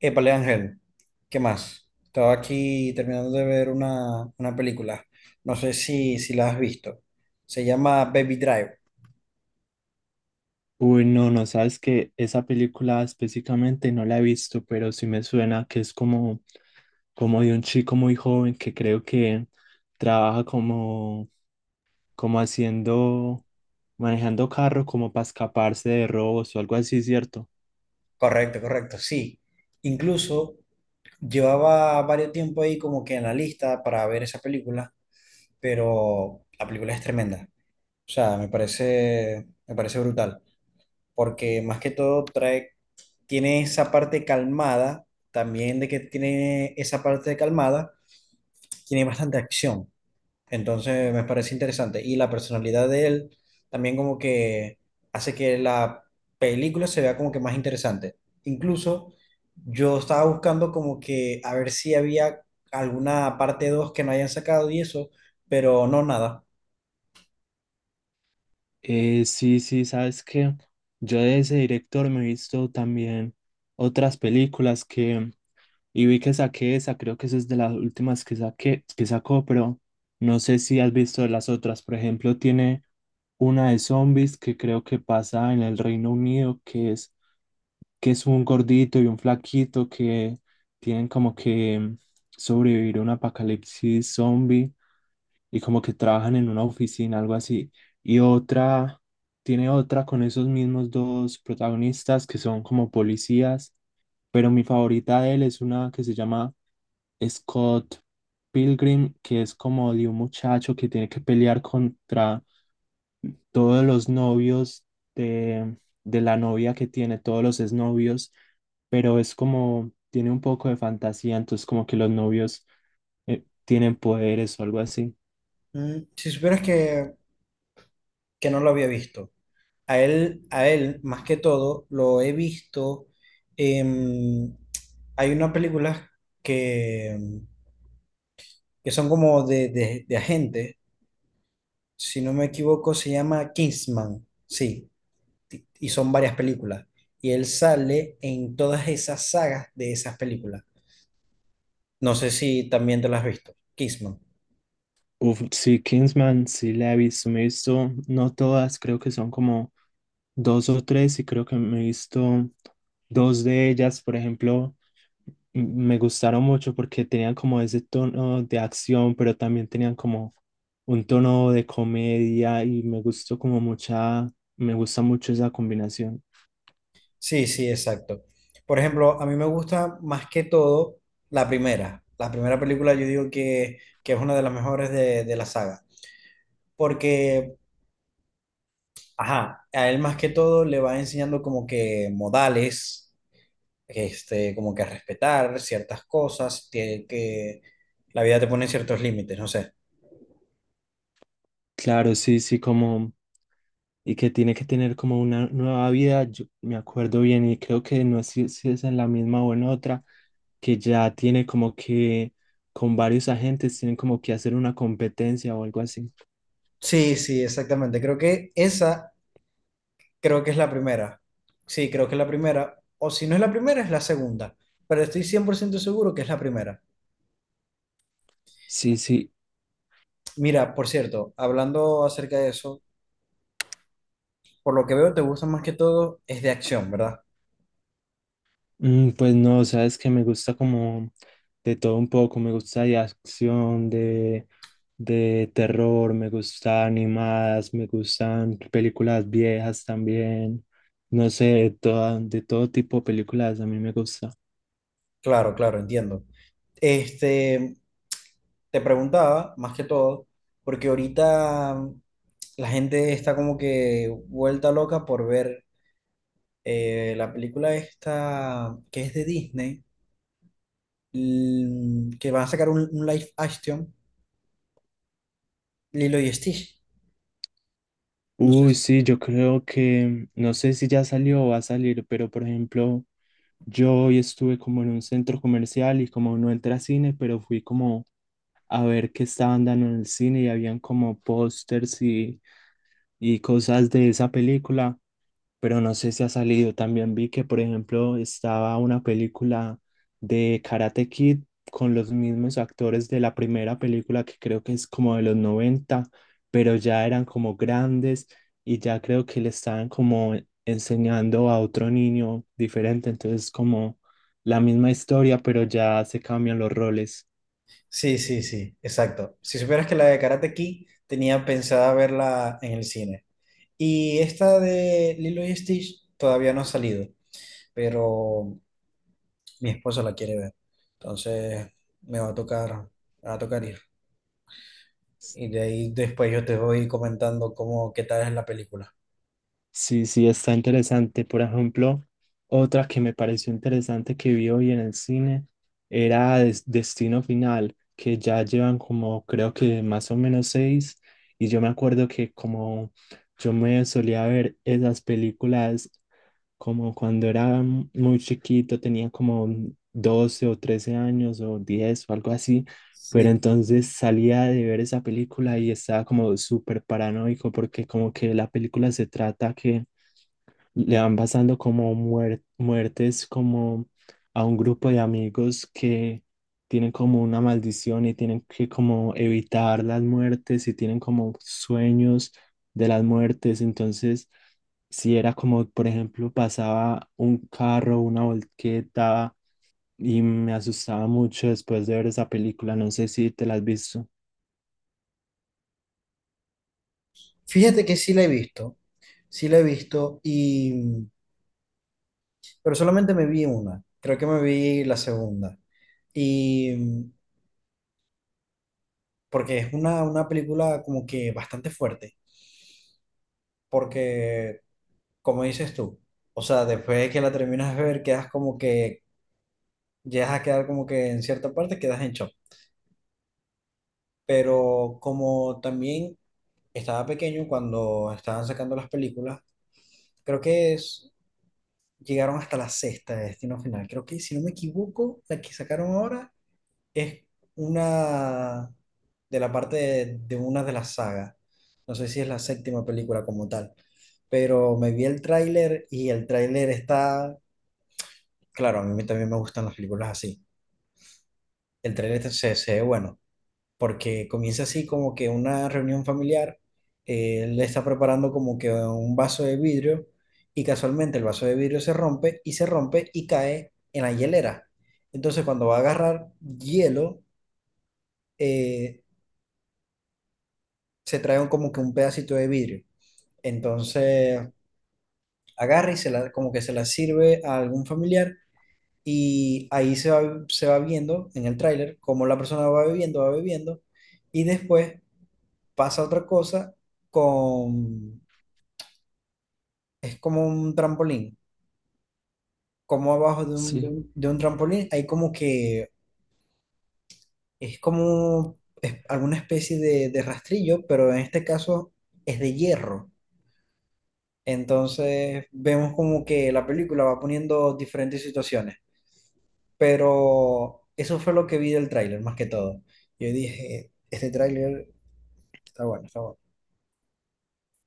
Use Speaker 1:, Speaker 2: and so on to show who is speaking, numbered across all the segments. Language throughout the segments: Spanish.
Speaker 1: Épale, Ángel, ¿qué más? Estaba aquí terminando de ver una película. No sé si la has visto. Se llama Baby Drive.
Speaker 2: Uy, no, no sabes que esa película específicamente no la he visto, pero sí me suena que es como de un chico muy joven que creo que trabaja como haciendo, manejando carro como para escaparse de robos o algo así, ¿cierto?
Speaker 1: Correcto, correcto, sí. Incluso llevaba varios tiempo ahí como que en la lista para ver esa película, pero la película es tremenda. O sea, me parece brutal, porque más que todo trae, tiene esa parte calmada, también de que tiene esa parte calmada, tiene bastante acción. Entonces me parece interesante. Y la personalidad de él también como que hace que la película se vea como que más interesante. Incluso yo estaba buscando como que a ver si había alguna parte 2 que no hayan sacado y eso, pero no nada.
Speaker 2: Sí, sí, sabes que yo de ese director me he visto también otras películas que Y vi que saqué esa, creo que esa es de las últimas que saqué, que sacó, pero no sé si has visto las otras. Por ejemplo, tiene una de zombies que creo que pasa en el Reino Unido, que es un gordito y un flaquito que tienen como que sobrevivir a un apocalipsis zombie y como que trabajan en una oficina, algo así. Y otra, tiene otra con esos mismos dos protagonistas que son como policías, pero mi favorita de él es una que se llama Scott Pilgrim, que es como de un muchacho que tiene que pelear contra todos los novios de, de la novia que tiene, todos los exnovios, pero es como, tiene un poco de fantasía, entonces como que los novios tienen poderes o algo así.
Speaker 1: Si supieras que no lo había visto. A él, más que todo, lo he visto. em, Hay unas películas que, que son como de agentes, si no me equivoco, se llama Kingsman. Sí, y son varias películas. Y él sale en todas esas sagas de esas películas. No sé si también te las has visto, Kingsman.
Speaker 2: Uf, sí, Kingsman, sí la he visto, me he visto, no todas, creo que son como dos o tres y creo que me he visto dos de ellas, por ejemplo, me gustaron mucho porque tenían como ese tono de acción, pero también tenían como un tono de comedia y me gustó como mucha, me gusta mucho esa combinación.
Speaker 1: Sí, sí, exacto. Por ejemplo, a mí me gusta más que todo la primera. La primera película yo digo que es una de las mejores de la saga. Porque, ajá, a él más que todo le va enseñando como que modales, este, como que a respetar ciertas cosas, que la vida te pone ciertos límites, no sé.
Speaker 2: Claro, sí, sí, como y que tiene que tener como una nueva vida. Yo me acuerdo bien y creo que no sé si es en la misma o en otra, que ya tiene como que con varios agentes tienen como que hacer una competencia o algo así.
Speaker 1: Sí, sí, exactamente. Creo que esa, creo que es la primera. Sí, creo que es la primera, o si no es la primera, es la segunda, pero estoy 100% seguro que es la primera.
Speaker 2: Sí, sí.
Speaker 1: Mira, por cierto, hablando acerca de eso, por lo que veo te gusta más que todo es de acción, ¿verdad?
Speaker 2: Pues no, sabes que me gusta como de todo un poco, me gusta de acción, de terror, me gustan animadas, me gustan películas viejas también, no sé, de todo tipo de películas, a mí me gusta.
Speaker 1: Claro, claro, entiendo. Este, te preguntaba más que todo, porque ahorita la gente está como que vuelta loca por ver, la película esta que es de Disney, que van a sacar un live action, Lilo y Stitch. No sé
Speaker 2: Uy, sí, yo creo que, no sé si ya salió o va a salir, pero por ejemplo, yo hoy estuve como en un centro comercial y como no entré a cine, pero fui como a ver qué estaban dando en el cine y habían como pósters y cosas de esa película, pero no sé si ha salido. También vi que, por ejemplo, estaba una película de Karate Kid con los mismos actores de la primera película, que creo que es como de los 90, pero ya eran como grandes y ya creo que le estaban como enseñando a otro niño diferente. Entonces, como la misma historia, pero ya se cambian los roles.
Speaker 1: sí, sí, sí, exacto. Si supieras que la de Karate Kid tenía pensada verla en el cine. Y esta de Lilo y Stitch todavía no ha salido, pero mi esposa la quiere ver. Entonces me va a tocar, me va a tocar ir. Y de ahí después yo te voy comentando cómo, qué tal es la película.
Speaker 2: Sí, sí, está interesante. Por ejemplo, otra que me pareció interesante que vi hoy en el cine era Destino Final, que ya llevan como creo que más o menos seis. Y yo me acuerdo que como yo me solía ver esas películas como cuando era muy chiquito, tenía como 12 o 13 años o 10 o algo así. Pero
Speaker 1: Sí.
Speaker 2: entonces salía de ver esa película y estaba como súper paranoico porque como que la película se trata que le van pasando como muertes como a un grupo de amigos que tienen como una maldición y tienen que como evitar las muertes y tienen como sueños de las muertes. Entonces, si era como, por ejemplo, pasaba un carro, una volqueta y me asustaba mucho después de ver esa película. No sé si te la has visto.
Speaker 1: Fíjate que sí la he visto, sí la he visto, y, mm, pero solamente me vi una, creo que me vi la segunda. Y porque es una película como que bastante fuerte, porque como dices tú, o sea, después de que la terminas de ver, quedas como que, llegas a quedar como que en cierta parte quedas en shock. Pero como también estaba pequeño cuando estaban sacando las películas, Creo que es- llegaron hasta la sexta de Destino Final. Creo que, si no me equivoco, la que sacaron ahora es una de la parte de una de las sagas. No sé si es la séptima película como tal, pero me vi el tráiler y el tráiler está, claro, a mí me también me gustan las películas así. El tráiler se ve bueno. Porque comienza así como que una reunión familiar, le está preparando como que un vaso de vidrio y casualmente el vaso de vidrio se rompe y cae en la hielera. Entonces cuando va a agarrar hielo, eh, se trae como que un pedacito de vidrio. Entonces agarra y se como que se la sirve a algún familiar y ahí se va viendo en el tráiler cómo la persona va bebiendo y después pasa otra cosa con, es como un trampolín, como abajo de un, de
Speaker 2: Sí.
Speaker 1: un, de un trampolín hay como que, es como es alguna especie de rastrillo, pero en este caso es de hierro. Entonces vemos como que la película va poniendo diferentes situaciones, pero eso fue lo que vi del tráiler más que todo. Yo dije, este tráiler está bueno, está bueno.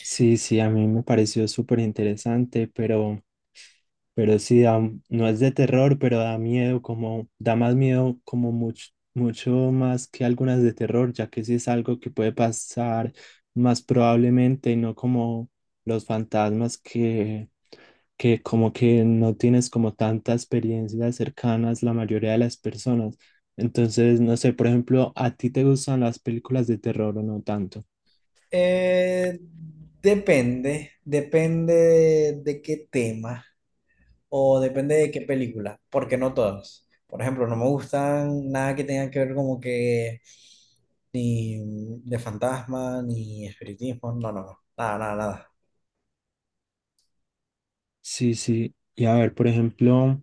Speaker 2: Sí, sí, a mí me pareció súper interesante, pero sí, no es de terror, pero da miedo, como da más miedo, como mucho, mucho más que algunas de terror, ya que sí es algo que puede pasar más probablemente, y no como los fantasmas que como que no tienes como tantas experiencias cercanas la mayoría de las personas. Entonces, no sé, por ejemplo, ¿a ti te gustan las películas de terror o no tanto?
Speaker 1: Eh, depende, depende de qué tema. O depende de qué película, porque no todas. Por ejemplo, no me gustan nada que tenga que ver como que ni de fantasma, ni espiritismo, no, no, no, nada, nada, nada.
Speaker 2: Sí, sí. Y a ver, por ejemplo...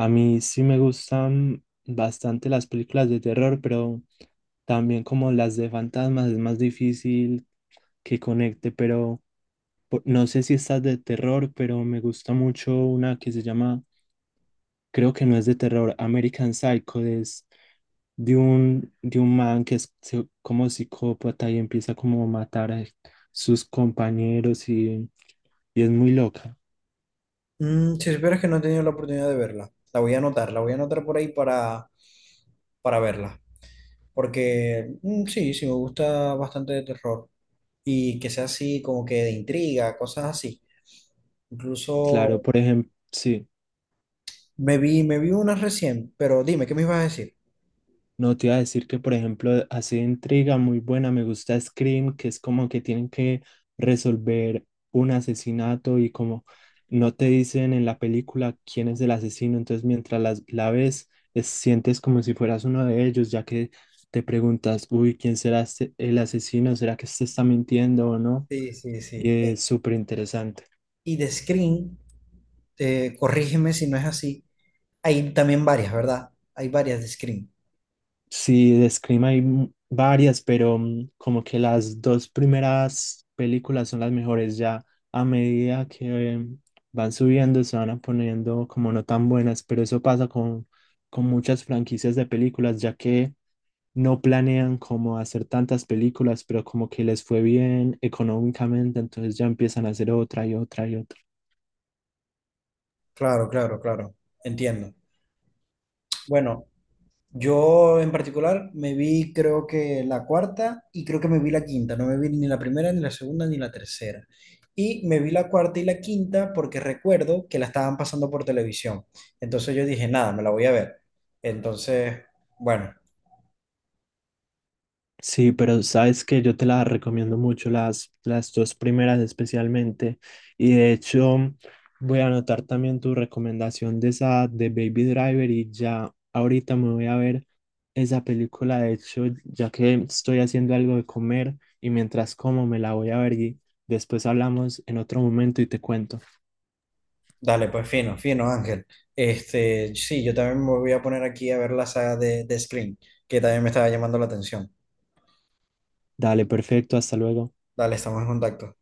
Speaker 2: A mí sí me gustan bastante las películas de terror, pero también como las de fantasmas es más difícil que conecte, pero no sé si estas de terror, pero me gusta mucho una que se llama, creo que no es de terror, American Psycho, es de un man que es como psicópata y empieza como a matar a sus compañeros y es muy loca.
Speaker 1: Mm, si supieras que no he tenido la oportunidad de verla, la voy a anotar, la voy a anotar por ahí para verla, porque mm, sí, sí, me gusta bastante de terror y que sea así como que de intriga, cosas así.
Speaker 2: Claro,
Speaker 1: Incluso
Speaker 2: por ejemplo, sí.
Speaker 1: me vi una recién, pero dime, ¿qué me ibas a decir?
Speaker 2: No te iba a decir que, por ejemplo, hace intriga muy buena, me gusta Scream, que es como que tienen que resolver un asesinato y como no te dicen en la película quién es el asesino, entonces mientras la ves, sientes como si fueras uno de ellos, ya que te preguntas, uy, ¿quién será el asesino? ¿Será que este está mintiendo o no?
Speaker 1: Sí, sí,
Speaker 2: Y
Speaker 1: sí.
Speaker 2: es súper interesante.
Speaker 1: Y de Scream, corrígeme si no es así, hay también varias, ¿verdad? Hay varias de Scream.
Speaker 2: Sí, de Scream hay varias, pero como que las dos primeras películas son las mejores ya. A medida que van subiendo, se van a poniendo como no tan buenas, pero eso pasa con muchas franquicias de películas, ya que no planean como hacer tantas películas, pero como que les fue bien económicamente, entonces ya empiezan a hacer otra y otra y otra.
Speaker 1: Claro, claro, claro, entiendo. Bueno, yo en particular me vi creo que la cuarta y creo que me vi la quinta, no me vi ni la primera, ni la segunda, ni la tercera. Y me vi la cuarta y la quinta porque recuerdo que la estaban pasando por televisión. Entonces yo dije, nada, me la voy a ver. Entonces, bueno,
Speaker 2: Sí, pero sabes que yo te las recomiendo mucho, las dos primeras especialmente. Y de hecho, voy a anotar también tu recomendación de esa de Baby Driver y ya ahorita me voy a ver esa película. De hecho, ya que estoy haciendo algo de comer y mientras como me la voy a ver y después hablamos en otro momento y te cuento.
Speaker 1: dale, pues fino, fino, Ángel. Este, sí, yo también me voy a poner aquí a ver la saga de Scream, que también me estaba llamando la atención.
Speaker 2: Dale, perfecto, hasta luego.
Speaker 1: Dale, estamos en contacto.